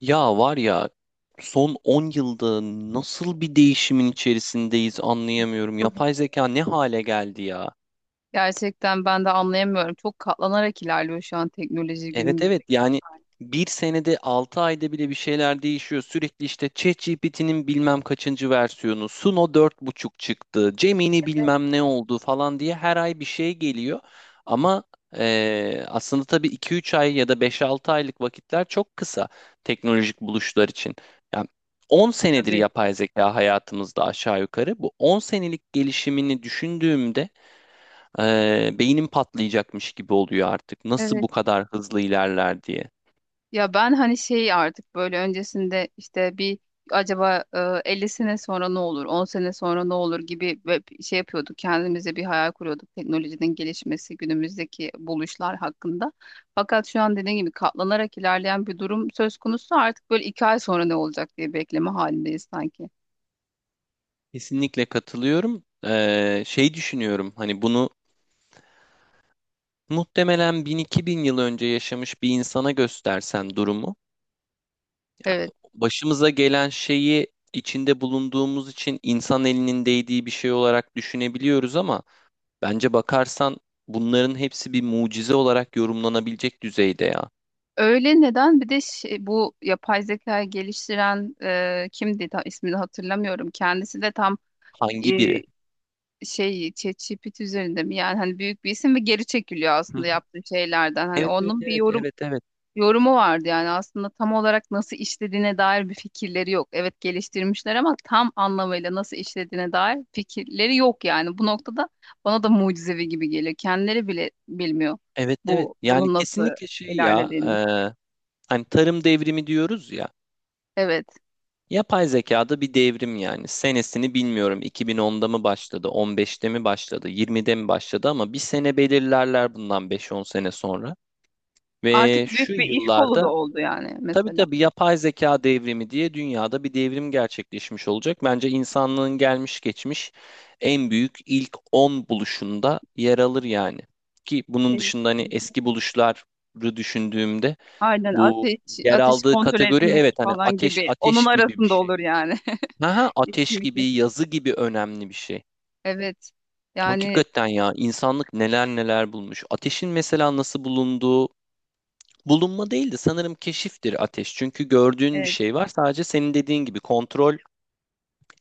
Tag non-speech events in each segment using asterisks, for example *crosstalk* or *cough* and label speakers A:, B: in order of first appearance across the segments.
A: Ya var ya son 10 yılda nasıl bir değişimin içerisindeyiz anlayamıyorum.
B: Hı. Hı.
A: Yapay zeka ne hale geldi ya?
B: Gerçekten ben de anlayamıyorum. Çok katlanarak ilerliyor şu an teknoloji
A: Evet,
B: günümüzde
A: evet,
B: gelen
A: yani
B: hali.
A: bir senede 6 ayda bile bir şeyler değişiyor. Sürekli işte ChatGPT'nin bilmem kaçıncı versiyonu, Suno dört buçuk çıktı, Gemini bilmem ne oldu falan diye her ay bir şey geliyor. Ama aslında tabii iki üç ay ya da beş altı aylık vakitler çok kısa teknolojik buluşlar için. Yani 10 senedir
B: Tabii.
A: yapay zeka hayatımızda aşağı yukarı. Bu 10 senelik gelişimini düşündüğümde beynim patlayacakmış gibi oluyor artık. Nasıl
B: Evet.
A: bu kadar hızlı ilerler diye.
B: Ya ben hani şey artık böyle öncesinde işte bir acaba 50 sene sonra ne olur, 10 sene sonra ne olur gibi ve şey yapıyorduk. Kendimize bir hayal kuruyorduk teknolojinin gelişmesi, günümüzdeki buluşlar hakkında. Fakat şu an dediğim gibi katlanarak ilerleyen bir durum söz konusu. Artık böyle 2 ay sonra ne olacak diye bekleme halindeyiz sanki.
A: Kesinlikle katılıyorum. Şey düşünüyorum, hani bunu muhtemelen 1000-2000 yıl önce yaşamış bir insana göstersen durumu,
B: Evet.
A: başımıza gelen şeyi, içinde bulunduğumuz için insan elinin değdiği bir şey olarak düşünebiliyoruz ama bence bakarsan bunların hepsi bir mucize olarak yorumlanabilecek düzeyde ya.
B: Öyle neden? Bir de bu yapay zeka geliştiren kimdi? İsmini hatırlamıyorum. Kendisi de tam e,
A: Hangi biri?
B: şey, ChatGPT üzerinde mi? Yani hani büyük bir isim ve geri çekiliyor
A: Hı
B: aslında
A: hı.
B: yaptığı şeylerden. Hani
A: Evet, evet,
B: onun bir
A: evet, evet, evet.
B: yorumu vardı yani aslında tam olarak nasıl işlediğine dair bir fikirleri yok. Evet, geliştirmişler ama tam anlamıyla nasıl işlediğine dair fikirleri yok yani. Bu noktada bana da mucizevi gibi geliyor. Kendileri bile bilmiyor
A: Evet, evet,
B: bu
A: yani
B: bunun nasıl
A: kesinlikle şey ya,
B: ilerlediğini.
A: hani tarım devrimi diyoruz ya,
B: Evet.
A: yapay zekada bir devrim yani, senesini bilmiyorum, 2010'da mı başladı, 15'te mi başladı, 20'de mi başladı ama bir sene belirlerler bundan 5-10 sene sonra
B: Artık
A: ve şu
B: büyük bir iş kolu da
A: yıllarda,
B: oldu yani
A: tabii
B: mesela.
A: tabii, yapay zeka devrimi diye dünyada bir devrim gerçekleşmiş olacak. Bence insanlığın gelmiş geçmiş en büyük ilk 10 buluşunda yer alır yani, ki bunun
B: Kesin-
A: dışında hani
B: kesin.
A: eski buluşları düşündüğümde.
B: Aynen
A: Bu
B: ateş,
A: yer
B: ateşi
A: aldığı
B: kontrol
A: kategori,
B: etmek
A: evet, hani
B: falan
A: ateş,
B: gibi. Onun
A: ateş gibi bir
B: arasında
A: şey.
B: olur yani.
A: Ha ha,
B: *laughs*
A: ateş gibi,
B: Kesinlikle.
A: yazı gibi önemli bir şey.
B: Evet. Yani
A: Hakikaten ya, insanlık neler neler bulmuş. Ateşin mesela nasıl bulunduğu, bulunma değildi sanırım, keşiftir ateş. Çünkü gördüğün bir
B: evet,
A: şey var, sadece senin dediğin gibi kontrol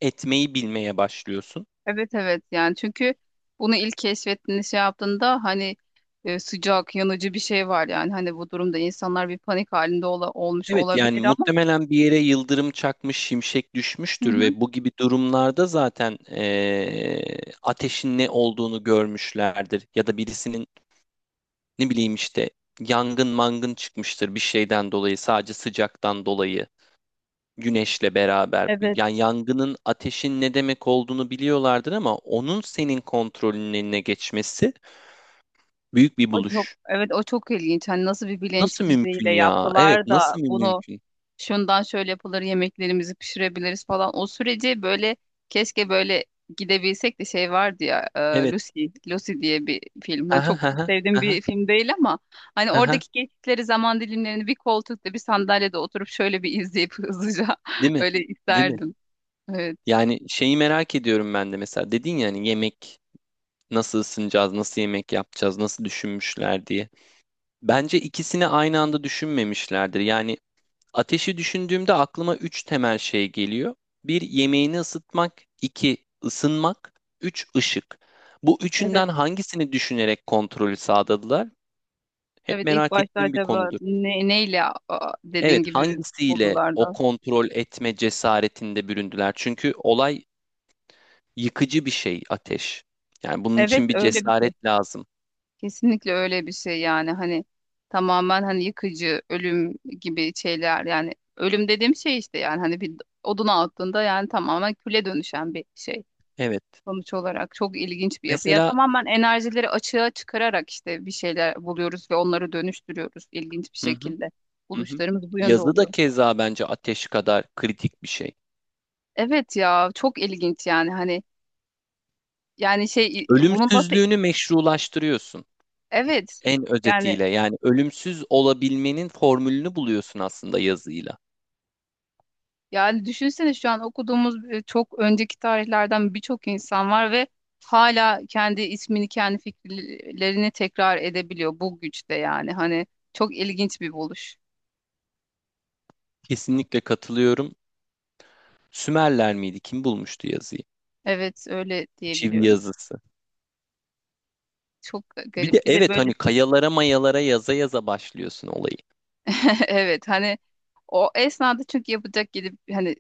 A: etmeyi bilmeye başlıyorsun.
B: evet, evet yani, çünkü bunu ilk keşfettiğinde şey yaptığında hani sıcak yanıcı bir şey var yani, hani bu durumda insanlar bir panik halinde olmuş
A: Evet yani
B: olabilir ama.
A: muhtemelen bir yere yıldırım çakmış, şimşek
B: Hı
A: düşmüştür
B: hı.
A: ve bu gibi durumlarda zaten ateşin ne olduğunu görmüşlerdir ya da birisinin, ne bileyim işte, yangın mangın çıkmıştır bir şeyden dolayı, sadece sıcaktan dolayı, güneşle beraber.
B: Evet,
A: Yani yangının, ateşin ne demek olduğunu biliyorlardır ama onun senin kontrolünün eline geçmesi büyük bir
B: o çok
A: buluş.
B: evet o çok ilginç, hani nasıl bir bilinç
A: Nasıl
B: düzeyiyle
A: mümkün ya? Evet,
B: yaptılar da
A: nasıl
B: bunu
A: mümkün?
B: şundan şöyle yapılır, yemeklerimizi pişirebiliriz falan. O süreci böyle, keşke böyle gidebilsek de. Şey vardı ya,
A: Evet.
B: Lucy diye bir film. Ben
A: Aha,
B: çok
A: aha,
B: sevdiğim
A: aha,
B: bir film değil ama hani
A: aha.
B: oradaki geçtikleri zaman dilimlerini bir koltukta, bir sandalyede oturup şöyle bir izleyip *laughs* hızlıca,
A: Değil mi?
B: öyle
A: Değil mi?
B: isterdim. Evet.
A: Yani şeyi merak ediyorum ben de, mesela dedin ya, hani yemek, nasıl ısınacağız, nasıl yemek yapacağız, nasıl düşünmüşler diye. Bence ikisini aynı anda düşünmemişlerdir. Yani ateşi düşündüğümde aklıma üç temel şey geliyor. Bir, yemeğini ısıtmak. İki ısınmak. Üç, ışık. Bu
B: Evet.
A: üçünden hangisini düşünerek kontrolü sağladılar? Hep
B: Evet, ilk
A: merak
B: başta
A: ettiğim bir
B: acaba
A: konudur.
B: neyle, dediğin
A: Evet,
B: gibi
A: hangisiyle
B: buldular
A: o
B: da.
A: kontrol etme cesaretinde büründüler? Çünkü olay yıkıcı bir şey, ateş. Yani bunun
B: Evet,
A: için bir
B: öyle bir şey.
A: cesaret lazım.
B: Kesinlikle öyle bir şey yani, hani tamamen hani yıkıcı, ölüm gibi şeyler. Yani ölüm dediğim şey işte, yani hani bir oduna attığında yani tamamen küle dönüşen bir şey
A: Evet.
B: sonuç olarak, çok ilginç bir yapı. Ya
A: Mesela
B: tamamen enerjileri açığa çıkararak işte bir şeyler buluyoruz ve onları dönüştürüyoruz ilginç bir
A: hı hı,
B: şekilde.
A: hı hı.
B: Buluşlarımız bu yönde
A: Yazı da
B: oluyor.
A: keza bence ateş kadar kritik bir şey.
B: Evet ya, çok ilginç yani, hani yani şey bunun nasıl,
A: Ölümsüzlüğünü meşrulaştırıyorsun.
B: evet
A: En
B: yani.
A: özetiyle, yani ölümsüz olabilmenin formülünü buluyorsun aslında yazıyla.
B: Yani düşünsene, şu an okuduğumuz çok önceki tarihlerden birçok insan var ve hala kendi ismini, kendi fikirlerini tekrar edebiliyor bu güçte yani. Hani çok ilginç bir buluş.
A: Kesinlikle katılıyorum. Sümerler miydi? Kim bulmuştu yazıyı?
B: Evet, öyle
A: Çivi
B: diyebiliyorum.
A: yazısı.
B: Çok
A: Bir de
B: garip. Bir de
A: evet,
B: böyle
A: hani kayalara mayalara yaza yaza başlıyorsun olayı.
B: *laughs* evet, hani o esnada çünkü yapacak gidip hani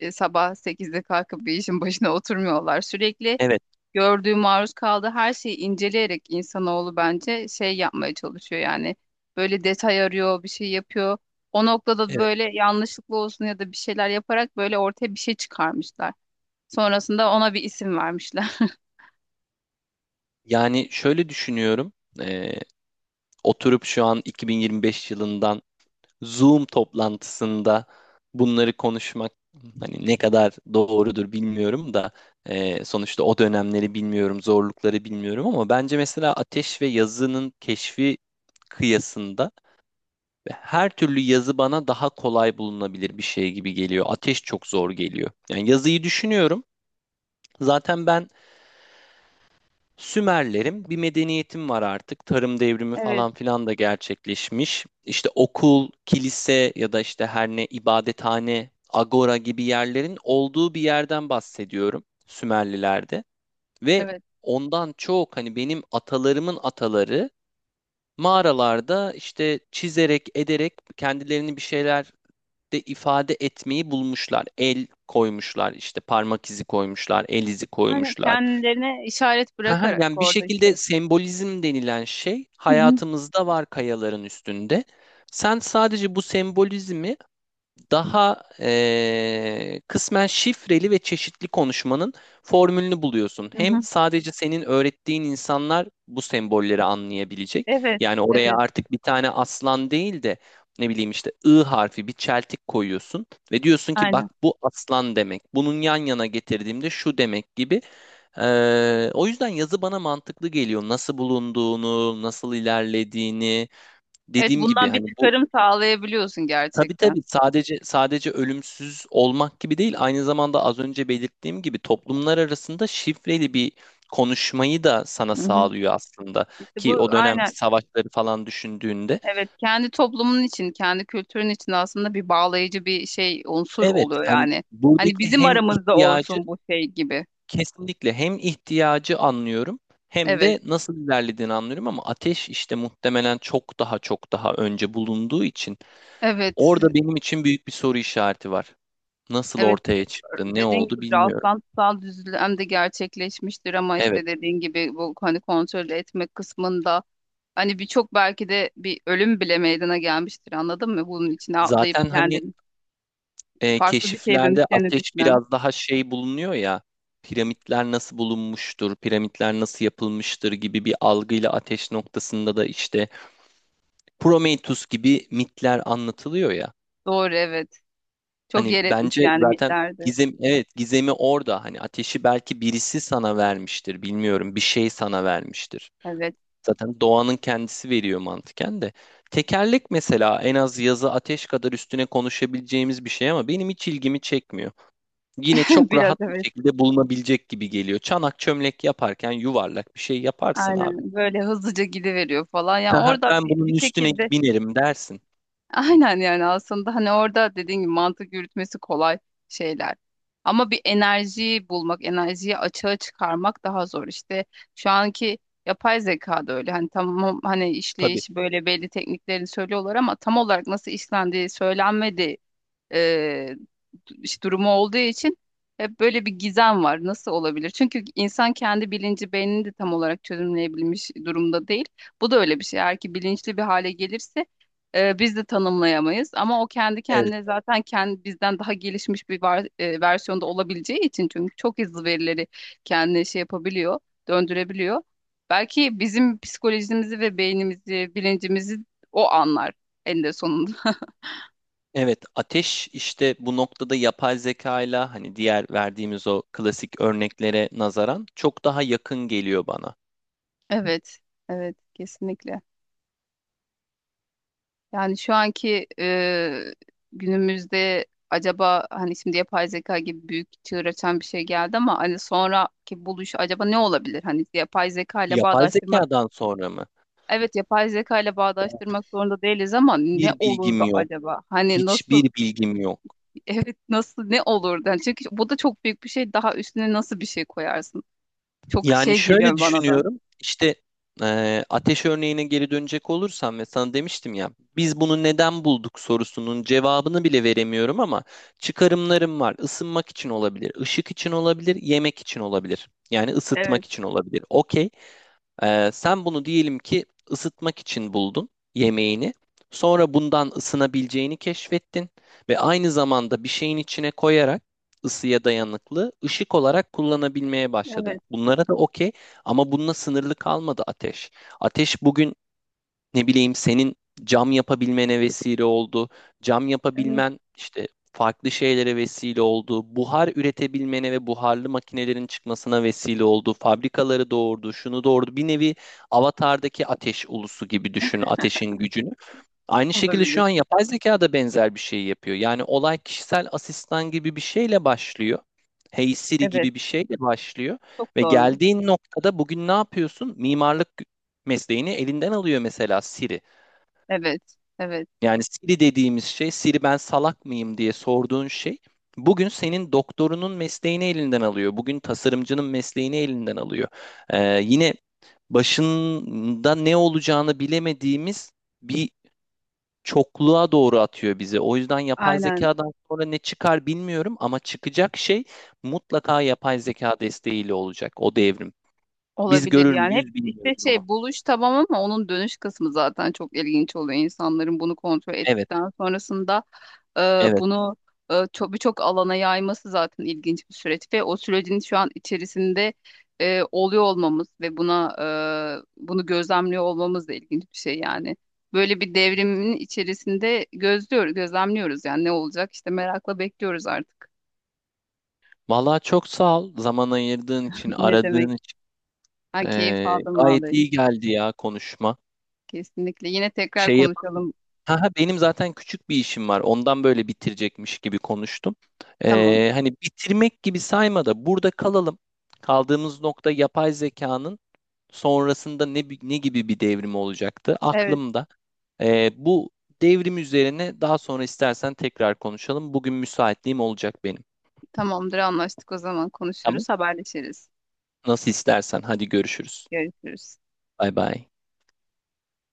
B: sabah 8'de kalkıp bir işin başına oturmuyorlar. Sürekli
A: Evet,
B: gördüğü, maruz kaldığı her şeyi inceleyerek insanoğlu bence şey yapmaya çalışıyor yani. Böyle detay arıyor, bir şey yapıyor. O noktada
A: evet.
B: böyle yanlışlıkla olsun ya da bir şeyler yaparak böyle ortaya bir şey çıkarmışlar. Sonrasında ona bir isim vermişler.
A: Yani şöyle düşünüyorum. Ee, Oturup şu an 2025 yılından Zoom toplantısında bunları konuşmak hani ne kadar doğrudur bilmiyorum da, sonuçta o dönemleri bilmiyorum, zorlukları bilmiyorum ama bence mesela ateş ve yazının keşfi kıyasında her türlü yazı bana daha kolay bulunabilir bir şey gibi geliyor. Ateş çok zor geliyor. Yani yazıyı düşünüyorum. Zaten ben Sümerlerim, bir medeniyetim var artık. Tarım
B: *laughs*
A: devrimi
B: Evet,
A: falan filan da gerçekleşmiş. İşte okul, kilise ya da işte her ne ibadethane, agora gibi yerlerin olduğu bir yerden bahsediyorum Sümerlilerde. Ve
B: evet.
A: ondan çok, hani benim atalarımın ataları mağaralarda işte çizerek, ederek kendilerini bir şeyler de ifade etmeyi bulmuşlar. El koymuşlar, işte parmak izi koymuşlar, el izi
B: Aynen,
A: koymuşlar.
B: kendilerine işaret
A: Ha, ha,
B: bırakarak
A: yani bir
B: orada
A: şekilde
B: işte.
A: sembolizm denilen şey
B: Hı hı,
A: hayatımızda var, kayaların üstünde. Sen sadece bu sembolizmi daha kısmen şifreli ve çeşitli konuşmanın formülünü buluyorsun.
B: hı
A: Hem
B: hı.
A: sadece senin öğrettiğin insanlar bu sembolleri anlayabilecek.
B: Evet,
A: Yani oraya
B: evet,
A: artık bir tane aslan değil de, ne bileyim işte, ı harfi bir çeltik koyuyorsun ve diyorsun ki
B: aynen.
A: bak, bu aslan demek. Bunun yan yana getirdiğimde şu demek gibi. O yüzden yazı bana mantıklı geliyor. Nasıl bulunduğunu, nasıl ilerlediğini.
B: Evet,
A: Dediğim gibi
B: bundan bir
A: hani bu,
B: çıkarım sağlayabiliyorsun
A: tabii
B: gerçekten.
A: tabii, sadece ölümsüz olmak gibi değil. Aynı zamanda, az önce belirttiğim gibi, toplumlar arasında şifreli bir konuşmayı da sana
B: Hı hı.
A: sağlıyor aslında.
B: İşte
A: Ki
B: bu
A: o
B: aynen.
A: dönemki savaşları falan düşündüğünde.
B: Evet, kendi toplumun için, kendi kültürün için aslında bir bağlayıcı bir şey, unsur
A: Evet,
B: oluyor
A: hani
B: yani. Hani
A: buradaki
B: bizim
A: hem
B: aramızda
A: ihtiyacı.
B: olsun bu, şey gibi.
A: Kesinlikle hem ihtiyacı anlıyorum, hem
B: Evet,
A: de nasıl ilerlediğini anlıyorum ama ateş işte muhtemelen çok daha çok daha önce bulunduğu için
B: evet,
A: orada benim için büyük bir soru işareti var. Nasıl
B: evet.
A: ortaya çıktı, ne
B: Dediğin gibi
A: oldu bilmiyorum.
B: rastlantısal düzlem de gerçekleşmiştir ama
A: Evet,
B: işte dediğin gibi bu, hani kontrol etmek kısmında hani birçok, belki de bir ölüm bile meydana gelmiştir, anladın mı? Bunun içine atlayıp
A: zaten hani,
B: kendini farklı bir şeye
A: keşiflerde
B: dönüşlerini
A: ateş
B: düşünen.
A: biraz daha şey bulunuyor ya, piramitler nasıl bulunmuştur, piramitler nasıl yapılmıştır gibi bir algıyla ateş noktasında da işte Prometheus gibi mitler anlatılıyor ya.
B: Doğru, evet. Çok
A: Hani
B: yer etmiş
A: bence
B: yani
A: zaten
B: mitlerde.
A: gizem, evet, gizemi orada. Hani ateşi belki birisi sana vermiştir, bilmiyorum. Bir şey sana vermiştir.
B: Evet,
A: Zaten doğanın kendisi veriyor mantıken de. Tekerlek mesela en az yazı, ateş kadar üstüne konuşabileceğimiz bir şey ama benim hiç ilgimi çekmiyor. Yine
B: *laughs*
A: çok
B: biraz
A: rahat bir
B: evet.
A: şekilde bulunabilecek gibi geliyor. Çanak çömlek yaparken yuvarlak bir şey yaparsın abi.
B: Aynen böyle hızlıca gidiveriyor falan. Yani
A: Aha,
B: orada
A: ben
B: bir,
A: bunun
B: bir
A: üstüne
B: şekilde
A: binerim dersin.
B: *laughs* aynen yani, aslında hani orada dediğin gibi mantık yürütmesi kolay şeyler. Ama bir enerjiyi bulmak, enerjiyi açığa çıkarmak daha zor. İşte şu anki yapay zeka da öyle. Hani tamam, hani
A: Tabii.
B: işleyiş böyle belli, tekniklerini söylüyorlar ama tam olarak nasıl işlendiği söylenmedi, e, işte durumu olduğu için hep böyle bir gizem var. Nasıl olabilir? Çünkü insan kendi bilinci, beynini de tam olarak çözümleyebilmiş durumda değil. Bu da öyle bir şey. Eğer ki bilinçli bir hale gelirse biz de tanımlayamayız. Ama o kendi
A: Evet.
B: kendine zaten kendi bizden daha gelişmiş bir versiyonda olabileceği için, çünkü çok hızlı verileri kendine şey yapabiliyor, döndürebiliyor. Belki bizim psikolojimizi ve beynimizi, bilincimizi o anlar en de sonunda.
A: Evet, ateş işte bu noktada yapay zeka ile hani diğer verdiğimiz o klasik örneklere nazaran çok daha yakın geliyor bana.
B: Evet, evet, kesinlikle. Yani şu anki günümüzde acaba, hani şimdi yapay zeka gibi büyük çığır açan bir şey geldi ama hani sonraki buluş acaba ne olabilir? Hani yapay zeka ile
A: Yapay
B: bağdaştırmak.
A: zekadan sonra mı?
B: Evet, yapay zeka ile bağdaştırmak zorunda değiliz ama ne
A: Bir bilgim
B: olurdu
A: yok.
B: acaba? Hani nasıl
A: Hiçbir bilgim yok.
B: *laughs* evet, nasıl, ne olurdu? Yani çünkü bu da çok büyük bir şey. Daha üstüne nasıl bir şey koyarsın? Çok
A: Yani
B: şey
A: şöyle
B: geliyor bana da.
A: düşünüyorum. İşte ateş örneğine geri dönecek olursam ve sana demiştim ya, biz bunu neden bulduk sorusunun cevabını bile veremiyorum ama çıkarımlarım var. Isınmak için olabilir, ışık için olabilir, yemek için olabilir. Yani
B: Evet,
A: ısıtmak için olabilir. Okey. Sen bunu diyelim ki ısıtmak için buldun yemeğini. Sonra bundan ısınabileceğini keşfettin ve aynı zamanda bir şeyin içine koyarak ısıya dayanıklı ışık olarak kullanabilmeye başladın.
B: evet,
A: Bunlara da okey ama bununla sınırlı kalmadı ateş. Ateş bugün, ne bileyim, senin cam yapabilmene vesile oldu. Cam
B: evet
A: yapabilmen işte farklı şeylere vesile oldu. Buhar üretebilmene ve buharlı makinelerin çıkmasına vesile oldu. Fabrikaları doğurdu, şunu doğurdu. Bir nevi Avatar'daki ateş ulusu gibi düşün ateşin gücünü. Aynı şekilde şu
B: olabilir.
A: an yapay zeka da benzer bir şey yapıyor. Yani olay kişisel asistan gibi bir şeyle başlıyor. Hey Siri
B: Evet,
A: gibi bir şeyle başlıyor.
B: çok
A: Ve
B: doğru.
A: geldiğin noktada bugün ne yapıyorsun? Mimarlık mesleğini elinden alıyor mesela Siri.
B: Evet, evet.
A: Yani Siri dediğimiz şey, Siri ben salak mıyım diye sorduğun şey, bugün senin doktorunun mesleğini elinden alıyor. Bugün tasarımcının mesleğini elinden alıyor. Yine başında ne olacağını bilemediğimiz bir çokluğa doğru atıyor bizi. O yüzden yapay
B: Aynen,
A: zekadan sonra ne çıkar bilmiyorum ama çıkacak şey mutlaka yapay zeka desteğiyle olacak o devrim. Biz
B: olabilir
A: görür
B: yani. Hep
A: müyüz
B: işte
A: bilmiyorum ama.
B: şey, buluş tamam ama onun dönüş kısmı zaten çok ilginç oluyor. İnsanların bunu kontrol
A: Evet,
B: ettikten sonrasında e,
A: evet.
B: bunu birçok alana yayması zaten ilginç bir süreç ve o sürecin şu an içerisinde oluyor olmamız ve bunu gözlemliyor olmamız da ilginç bir şey yani. Böyle bir devrimin içerisinde gözlüyoruz, gözlemliyoruz yani ne olacak işte, merakla bekliyoruz artık.
A: Vallahi çok sağ ol zaman ayırdığın için,
B: *laughs* Ne
A: aradığın
B: demek?
A: için.
B: Ha, keyif aldım
A: Gayet
B: vallahi.
A: iyi geldi ya konuşma.
B: Kesinlikle. Yine tekrar
A: Şey yapalım mı?
B: konuşalım.
A: Ha, ha, benim zaten küçük bir işim var. Ondan böyle bitirecekmiş gibi konuştum.
B: Tamam.
A: Hani bitirmek gibi sayma da burada kalalım. Kaldığımız nokta yapay zekanın sonrasında ne ne gibi bir devrim olacaktı
B: Evet,
A: aklımda. Bu devrim üzerine daha sonra istersen tekrar konuşalım. Bugün müsaitliğim olacak benim.
B: tamamdır, anlaştık. O zaman
A: Tamam.
B: konuşuruz, haberleşiriz.
A: Nasıl istersen. Hadi görüşürüz.
B: Görüşürüz.
A: Bay bay.